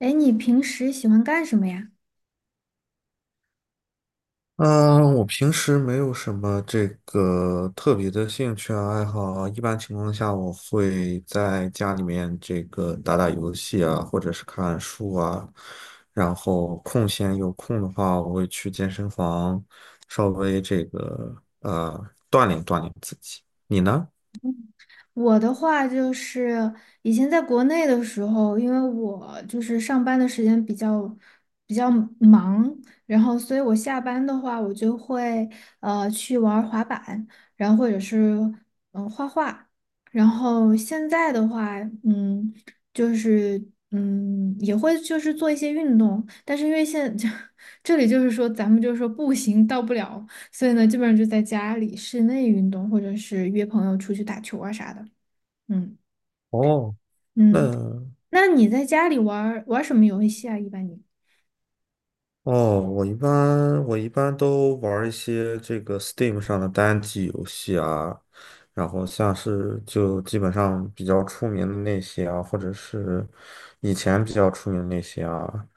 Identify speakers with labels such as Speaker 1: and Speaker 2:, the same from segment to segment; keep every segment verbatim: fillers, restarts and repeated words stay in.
Speaker 1: 哎，你平时喜欢干什么呀？
Speaker 2: 嗯，呃我平时没有什么这个特别的兴趣啊爱好啊一般情况下我会在家里面这个打打游戏啊，或者是看书啊，然后空闲有空的话，我会去健身房稍微这个呃锻炼锻炼自己。你呢？
Speaker 1: 我的话就是以前在国内的时候，因为我就是上班的时间比较比较忙。然后所以我下班的话，我就会呃去玩儿滑板，然后或者是嗯、呃画画。然后现在的话，嗯，就是嗯也会就是做一些运动，但是因为现 这里就是说咱们就是说步行到不了。所以呢，基本上就在家里室内运动，或者是约朋友出去打球啊啥的。嗯。
Speaker 2: 哦，那
Speaker 1: 嗯，那你在家里玩儿玩儿什么游戏啊？一般你
Speaker 2: 哦，我一般我一般都玩儿一些这个 Steam 上的单机游戏啊，然后像是就基本上比较出名的那些啊，或者是以前比较出名的那些啊，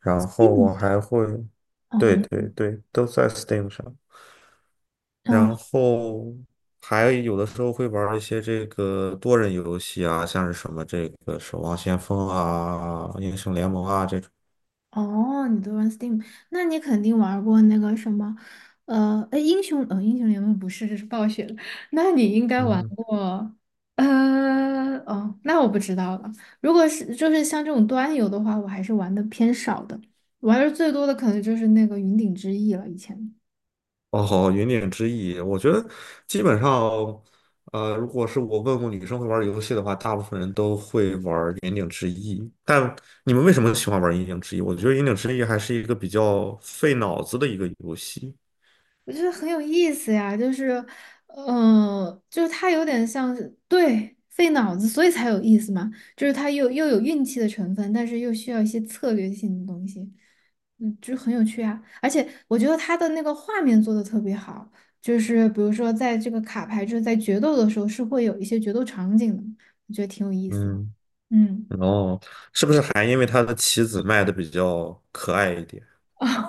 Speaker 2: 然后
Speaker 1: ？Steam
Speaker 2: 我
Speaker 1: 上。
Speaker 2: 还会，
Speaker 1: 哦，
Speaker 2: 对
Speaker 1: 你。
Speaker 2: 对对，都在 Steam 上，
Speaker 1: 哦
Speaker 2: 然后还有的时候会玩儿一些这个多人游戏啊，像是什么这个《守望先锋》啊、《英雄联盟》啊这种。
Speaker 1: 哦，你都玩 Steam。那你肯定玩过那个什么，呃，哎，英雄，呃、英雄联盟不是，这是暴雪的。那你应该
Speaker 2: 嗯
Speaker 1: 玩
Speaker 2: 哼。
Speaker 1: 过。呃，哦，那我不知道了。如果是就是像这种端游的话，我还是玩的偏少的，玩的最多的可能就是那个云顶之弈了，以前。
Speaker 2: 哦，云顶之弈，我觉得基本上，呃，如果是我问过女生会玩游戏的话，大部分人都会玩云顶之弈。但你们为什么喜欢玩云顶之弈？我觉得云顶之弈还是一个比较费脑子的一个游戏。
Speaker 1: 我觉得很有意思呀，就是，嗯、就是它有点像是对费脑子，所以才有意思嘛，就是它又又有运气的成分，但是又需要一些策略性的东西。嗯，就很有趣啊。而且我觉得它的那个画面做的特别好，就是比如说在这个卡牌就是在决斗的时候是会有一些决斗场景的，我觉得挺有意思。
Speaker 2: 嗯，
Speaker 1: 嗯。
Speaker 2: 哦，是不是还因为它的棋子卖的比较可爱一点？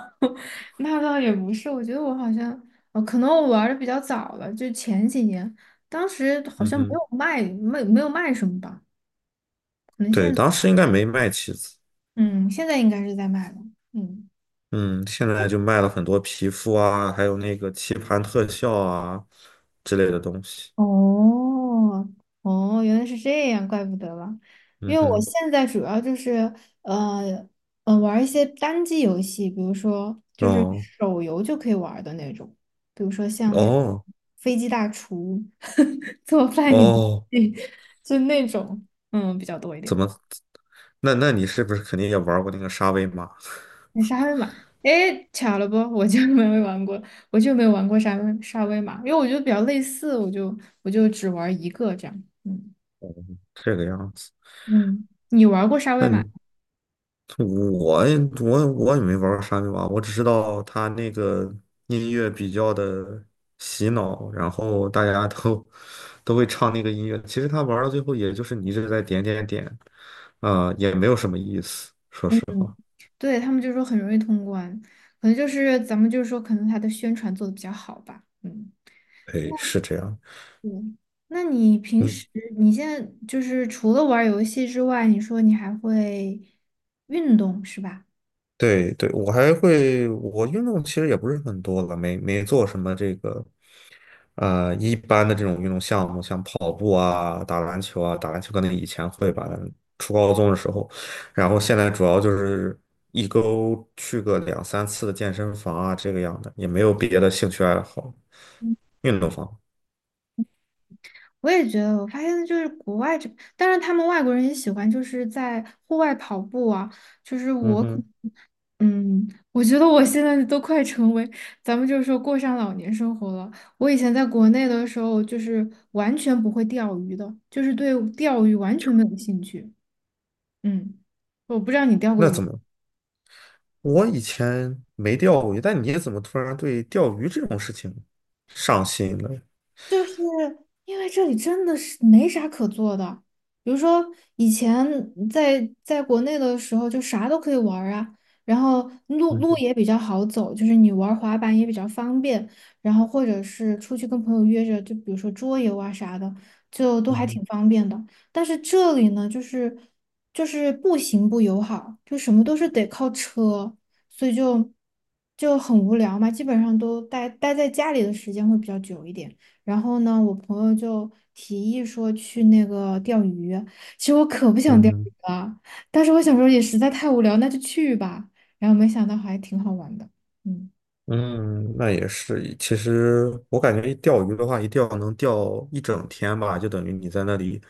Speaker 1: 那倒也不是，我觉得我好像，呃，可能我玩的比较早了，就前几年。当时好
Speaker 2: 嗯
Speaker 1: 像没
Speaker 2: 哼，
Speaker 1: 有卖，没没有卖什么吧，可能
Speaker 2: 对，
Speaker 1: 现，
Speaker 2: 当时应该没卖棋子，
Speaker 1: 嗯，现在应该是在卖了。嗯。
Speaker 2: 嗯，现在就卖了很多皮肤啊，还有那个棋盘特效啊之类的东西。
Speaker 1: 哦。哦，原来是这样，怪不得了。因
Speaker 2: 嗯
Speaker 1: 为我
Speaker 2: 哼。
Speaker 1: 现在主要就是呃呃玩一些单机游戏，比如说就是
Speaker 2: 哦，
Speaker 1: 手游就可以玩儿的那种，比如说像那
Speaker 2: 哦
Speaker 1: 飞机大厨 做饭游
Speaker 2: 哦，
Speaker 1: 戏，就那种嗯比较多一
Speaker 2: 怎
Speaker 1: 点。
Speaker 2: 么？那那你是不是肯定也玩过那个沙威玛？
Speaker 1: 那沙威玛，哎，巧了不，我就没有玩过。我就没有玩过沙威沙威玛，因为我觉得比较类似，我就我就只玩一个这样。嗯。
Speaker 2: 这个样子。
Speaker 1: 嗯，你玩过沙威
Speaker 2: 那
Speaker 1: 玛？
Speaker 2: 你我也我我也没玩过沙威玛，我只知道它那个音乐比较的洗脑，然后大家都都会唱那个音乐。其实他玩到最后，也就是你一直在点点点，啊、也没有什么意思。说
Speaker 1: 嗯
Speaker 2: 实
Speaker 1: 嗯，
Speaker 2: 话，
Speaker 1: 对，他们就说很容易通关，可能就是咱们就是说，可能它的宣传做的比较好吧。嗯，
Speaker 2: 对，是这样。
Speaker 1: 对。那你平
Speaker 2: 嗯，
Speaker 1: 时你现在就是除了玩游戏之外，你说你还会运动是吧？
Speaker 2: 对对，我还会，我运动其实也不是很多了，没没做什么这个。呃，一般的这种运动项目，像跑步啊、打篮球啊，打篮球可能以前会吧，初高中的时候，然后现在主要就是一周去个两三次的健身房啊，这个样的，也没有别的兴趣爱好，运动方。
Speaker 1: 我也觉得，我发现就是国外这，当然他们外国人也喜欢就是在户外跑步啊，就是
Speaker 2: 嗯
Speaker 1: 我可。
Speaker 2: 哼，
Speaker 1: 嗯，我觉得我现在都快成为，咱们就是说过上老年生活了。我以前在国内的时候，就是完全不会钓鱼的，就是对钓鱼完全没有兴趣。嗯，我不知道你钓过
Speaker 2: 那
Speaker 1: 鱼。
Speaker 2: 怎么？我以前没钓过鱼，但你怎么突然对钓鱼这种事情上心了？
Speaker 1: 因为这里真的是没啥可做的，比如说以前在在国内的时候，就啥都可以玩儿啊，然后路
Speaker 2: 嗯
Speaker 1: 路
Speaker 2: 哼，
Speaker 1: 也比较好走，就是你玩滑板也比较方便，然后或者是出去跟朋友约着，就比如说桌游啊啥的，就都
Speaker 2: 嗯
Speaker 1: 还
Speaker 2: 哼，
Speaker 1: 挺方便的。但是这里呢，就是就是步行不友好，就什么都是得靠车，所以就就很无聊嘛，基本上都待待在家里的时间会比较久一点。然后呢，我朋友就提议说去那个钓鱼，其实我可不想
Speaker 2: 嗯
Speaker 1: 钓
Speaker 2: 哼。
Speaker 1: 鱼了，但是我小时候也实在太无聊，那就去吧。然后没想到还挺好玩的。嗯。
Speaker 2: 嗯，那也是。其实我感觉钓鱼的话，一钓能钓一整天吧，就等于你在那里，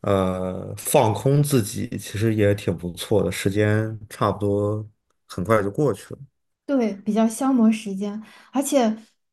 Speaker 2: 呃，放空自己，其实也挺不错的。时间差不多很快就过去了。
Speaker 1: 对，比较消磨时间。而且，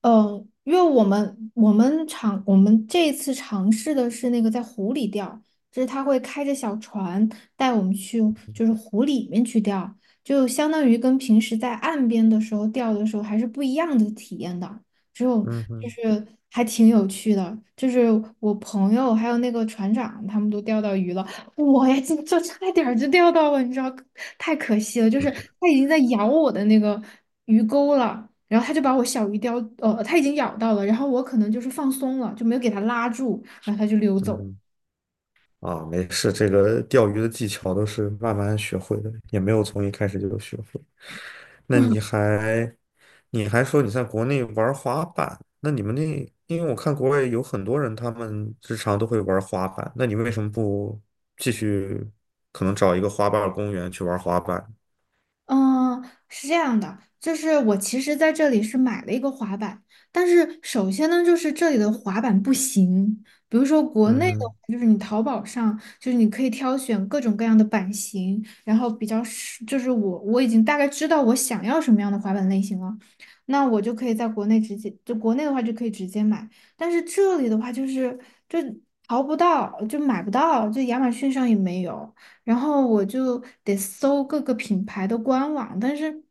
Speaker 1: 呃，因为我们我们尝我们这一次尝试的是那个在湖里钓，就是他会开着小船带我们去，就是湖里面去钓，就相当于跟平时在岸边的时候钓的时候还是不一样的体验的，只有
Speaker 2: 嗯
Speaker 1: 就
Speaker 2: 哼，
Speaker 1: 是还挺有趣的。就是我朋友还有那个船长他们都钓到鱼了，我呀，就就差点儿就钓到了，你知道，太可惜了。就是它已经在咬我的那个鱼钩了，然后它就把我小鱼叼，呃，它已经咬到了，然后我可能就是放松了，就没有给它拉住，然后它就溜
Speaker 2: 嗯
Speaker 1: 走了。
Speaker 2: 哼。啊，没事，这个钓鱼的技巧都是慢慢学会的，也没有从一开始就学会。那你还，你还说你在国内玩滑板，那你们那，因为我看国外有很多人，他们日常都会玩滑板，那你为什么不继续，可能找一个滑板公园去玩滑板？
Speaker 1: 嗯，是这样的，就是我其实在这里是买了一个滑板。但是首先呢，就是这里的滑板不行。比如说国
Speaker 2: 嗯
Speaker 1: 内的话，
Speaker 2: 哼，
Speaker 1: 就是你淘宝上，就是你可以挑选各种各样的版型，然后比较是，就是我我已经大概知道我想要什么样的滑板类型了，那我就可以在国内直接，就国内的话就可以直接买。但是这里的话就是就淘不到，就买不到，就亚马逊上也没有。然后我就得搜各个品牌的官网，但是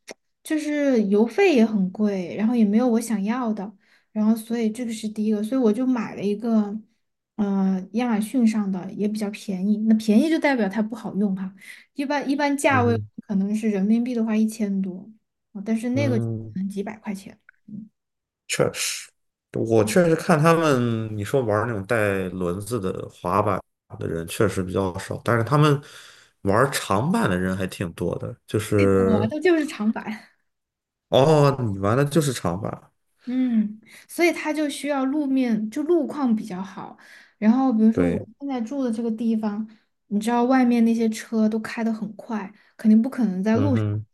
Speaker 1: 就是邮费也很贵，然后也没有我想要的。然后所以这个是第一个，所以我就买了一个。呃，亚马逊上的也比较便宜，那便宜就代表它不好用哈。一般一般价
Speaker 2: 嗯
Speaker 1: 位
Speaker 2: 哼，
Speaker 1: 可能是人民币的话一千多，啊但是那个就可
Speaker 2: 嗯。
Speaker 1: 能几百块钱。
Speaker 2: 确实，我确实看他们，你说玩那种带轮子的滑板的人确实比较少，但是他们玩长板的人还挺多的。就
Speaker 1: 我
Speaker 2: 是，
Speaker 1: 的就是长板。
Speaker 2: 哦，你玩的就是长板，
Speaker 1: 嗯，所以它就需要路面，就路况比较好。然后，比如说我
Speaker 2: 对，
Speaker 1: 现在住的这个地方，你知道外面那些车都开得很快，肯定不可能在
Speaker 2: 嗯
Speaker 1: 路上滑，
Speaker 2: 哼，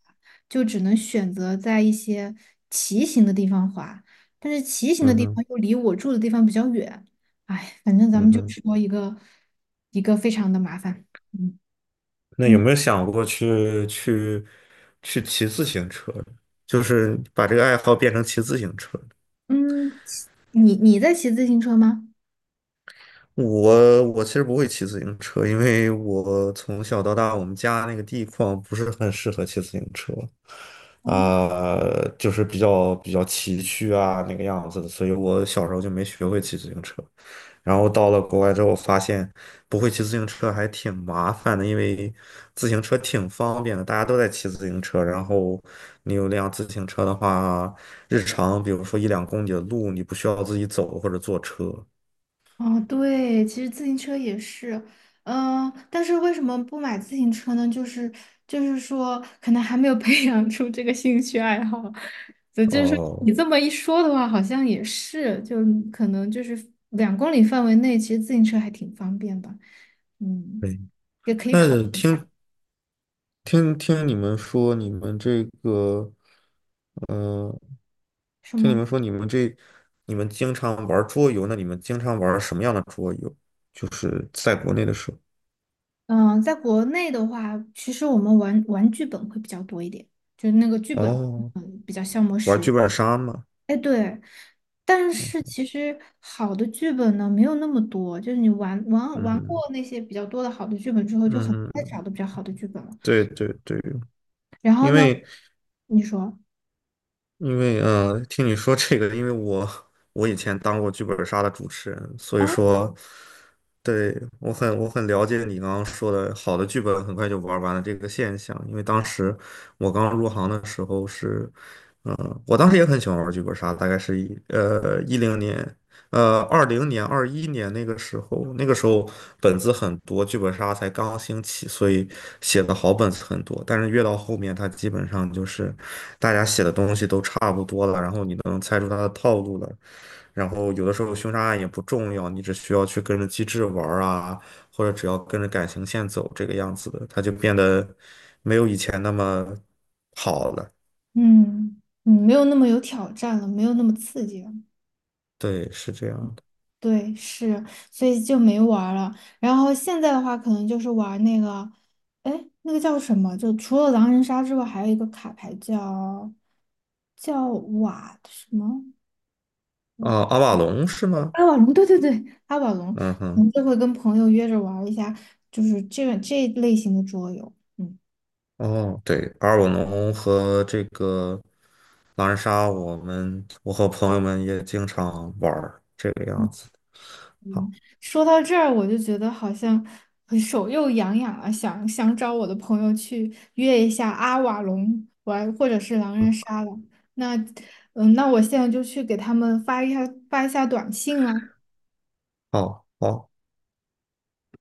Speaker 1: 就只能选择在一些骑行的地方滑。但是骑行的
Speaker 2: 嗯
Speaker 1: 地
Speaker 2: 哼，
Speaker 1: 方又离我住的地方比较远，哎，反正咱
Speaker 2: 嗯
Speaker 1: 们就
Speaker 2: 哼。
Speaker 1: 说一个一个非常的麻烦。嗯。
Speaker 2: 那有
Speaker 1: 嗯
Speaker 2: 没有想过去去去骑自行车？就是把这个爱好变成骑自行车？
Speaker 1: 嗯骑你你在骑自行车吗？
Speaker 2: 我我其实不会骑自行车，因为我从小到大，我们家那个地方不是很适合骑自行车，
Speaker 1: 哦。
Speaker 2: 啊、就是比较比较崎岖啊那个样子的，所以我小时候就没学会骑自行车。然后到了国外之后，发现不会骑自行车还挺麻烦的，因为自行车挺方便的，大家都在骑自行车。然后你有辆自行车的话，日常比如说一两公里的路，你不需要自己走或者坐车。
Speaker 1: 哦，对，其实自行车也是。嗯、但是为什么不买自行车呢？就是就是说，可能还没有培 养出这个兴趣爱好。所以就是说，
Speaker 2: 哦。
Speaker 1: 你这么一说的话，好像也是，就可能就是两公里范围内，其实自行车还挺方便吧。嗯，也可以考，
Speaker 2: 那听听听你们说，你们这个，嗯、
Speaker 1: 是
Speaker 2: 听你
Speaker 1: 吗？
Speaker 2: 们说，你们这，你们经常玩桌游，那你们经常玩什么样的桌游？就是在国内的时候，
Speaker 1: 嗯、在国内的话，其实我们玩玩剧本会比较多一点，就是那个剧本。
Speaker 2: 哦，
Speaker 1: 嗯，比较消磨
Speaker 2: 玩
Speaker 1: 时。
Speaker 2: 剧本杀吗？
Speaker 1: 哎，对，但是其实好的剧本呢没有那么多，就是你玩玩
Speaker 2: 嗯
Speaker 1: 玩过
Speaker 2: 哼，
Speaker 1: 那些比较多的好的剧本之后，就很
Speaker 2: 嗯
Speaker 1: 快
Speaker 2: 哼
Speaker 1: 找到比较好的剧本了。
Speaker 2: 对对对，
Speaker 1: 然后
Speaker 2: 因
Speaker 1: 呢，
Speaker 2: 为
Speaker 1: 你说，
Speaker 2: 因为呃，听你说这个，因为我我以前当过剧本杀的主持人，所以
Speaker 1: 哦。
Speaker 2: 说，对，我很我很了解你刚刚说的，好的剧本很快就玩完了这个现象。因为当时我刚入行的时候是，呃，我当时也很喜欢玩剧本杀，大概是一呃一零年，呃，二零年、二一年那个时候，那个时候本子很多，剧本杀才刚兴起，所以写的好本子很多。但是越到后面，它基本上就是大家写的东西都差不多了，然后你能猜出它的套路了。然后有的时候凶杀案也不重要，你只需要去跟着机制玩儿啊，或者只要跟着感情线走这个样子的，它就变得没有以前那么好了。
Speaker 1: 嗯嗯，没有那么有挑战了，没有那么刺激了。
Speaker 2: 对，是这样的。
Speaker 1: 对，是，所以就没玩儿了。然后现在的话，可能就是玩那个，哎，那个叫什么？就除了狼人杀之外，还有一个卡牌叫叫瓦什么？
Speaker 2: 啊、阿瓦隆是吗？
Speaker 1: 阿瓦隆，对对对，阿瓦隆，
Speaker 2: 嗯
Speaker 1: 我
Speaker 2: 哼。
Speaker 1: 们这回跟朋友约着玩儿一下，就是这个这一类型的桌游。嗯。
Speaker 2: 哦，对，阿尔瓦农和这个狼人杀，我们我和朋友们也经常玩儿这个
Speaker 1: 嗯，
Speaker 2: 样子。好，
Speaker 1: 说到这儿，我就觉得好像手又痒痒了，想想找我的朋友去约一下阿瓦隆玩，或者是狼人杀了。那嗯，那我现在就去给他们发一下发一下短信啦。
Speaker 2: 好，好。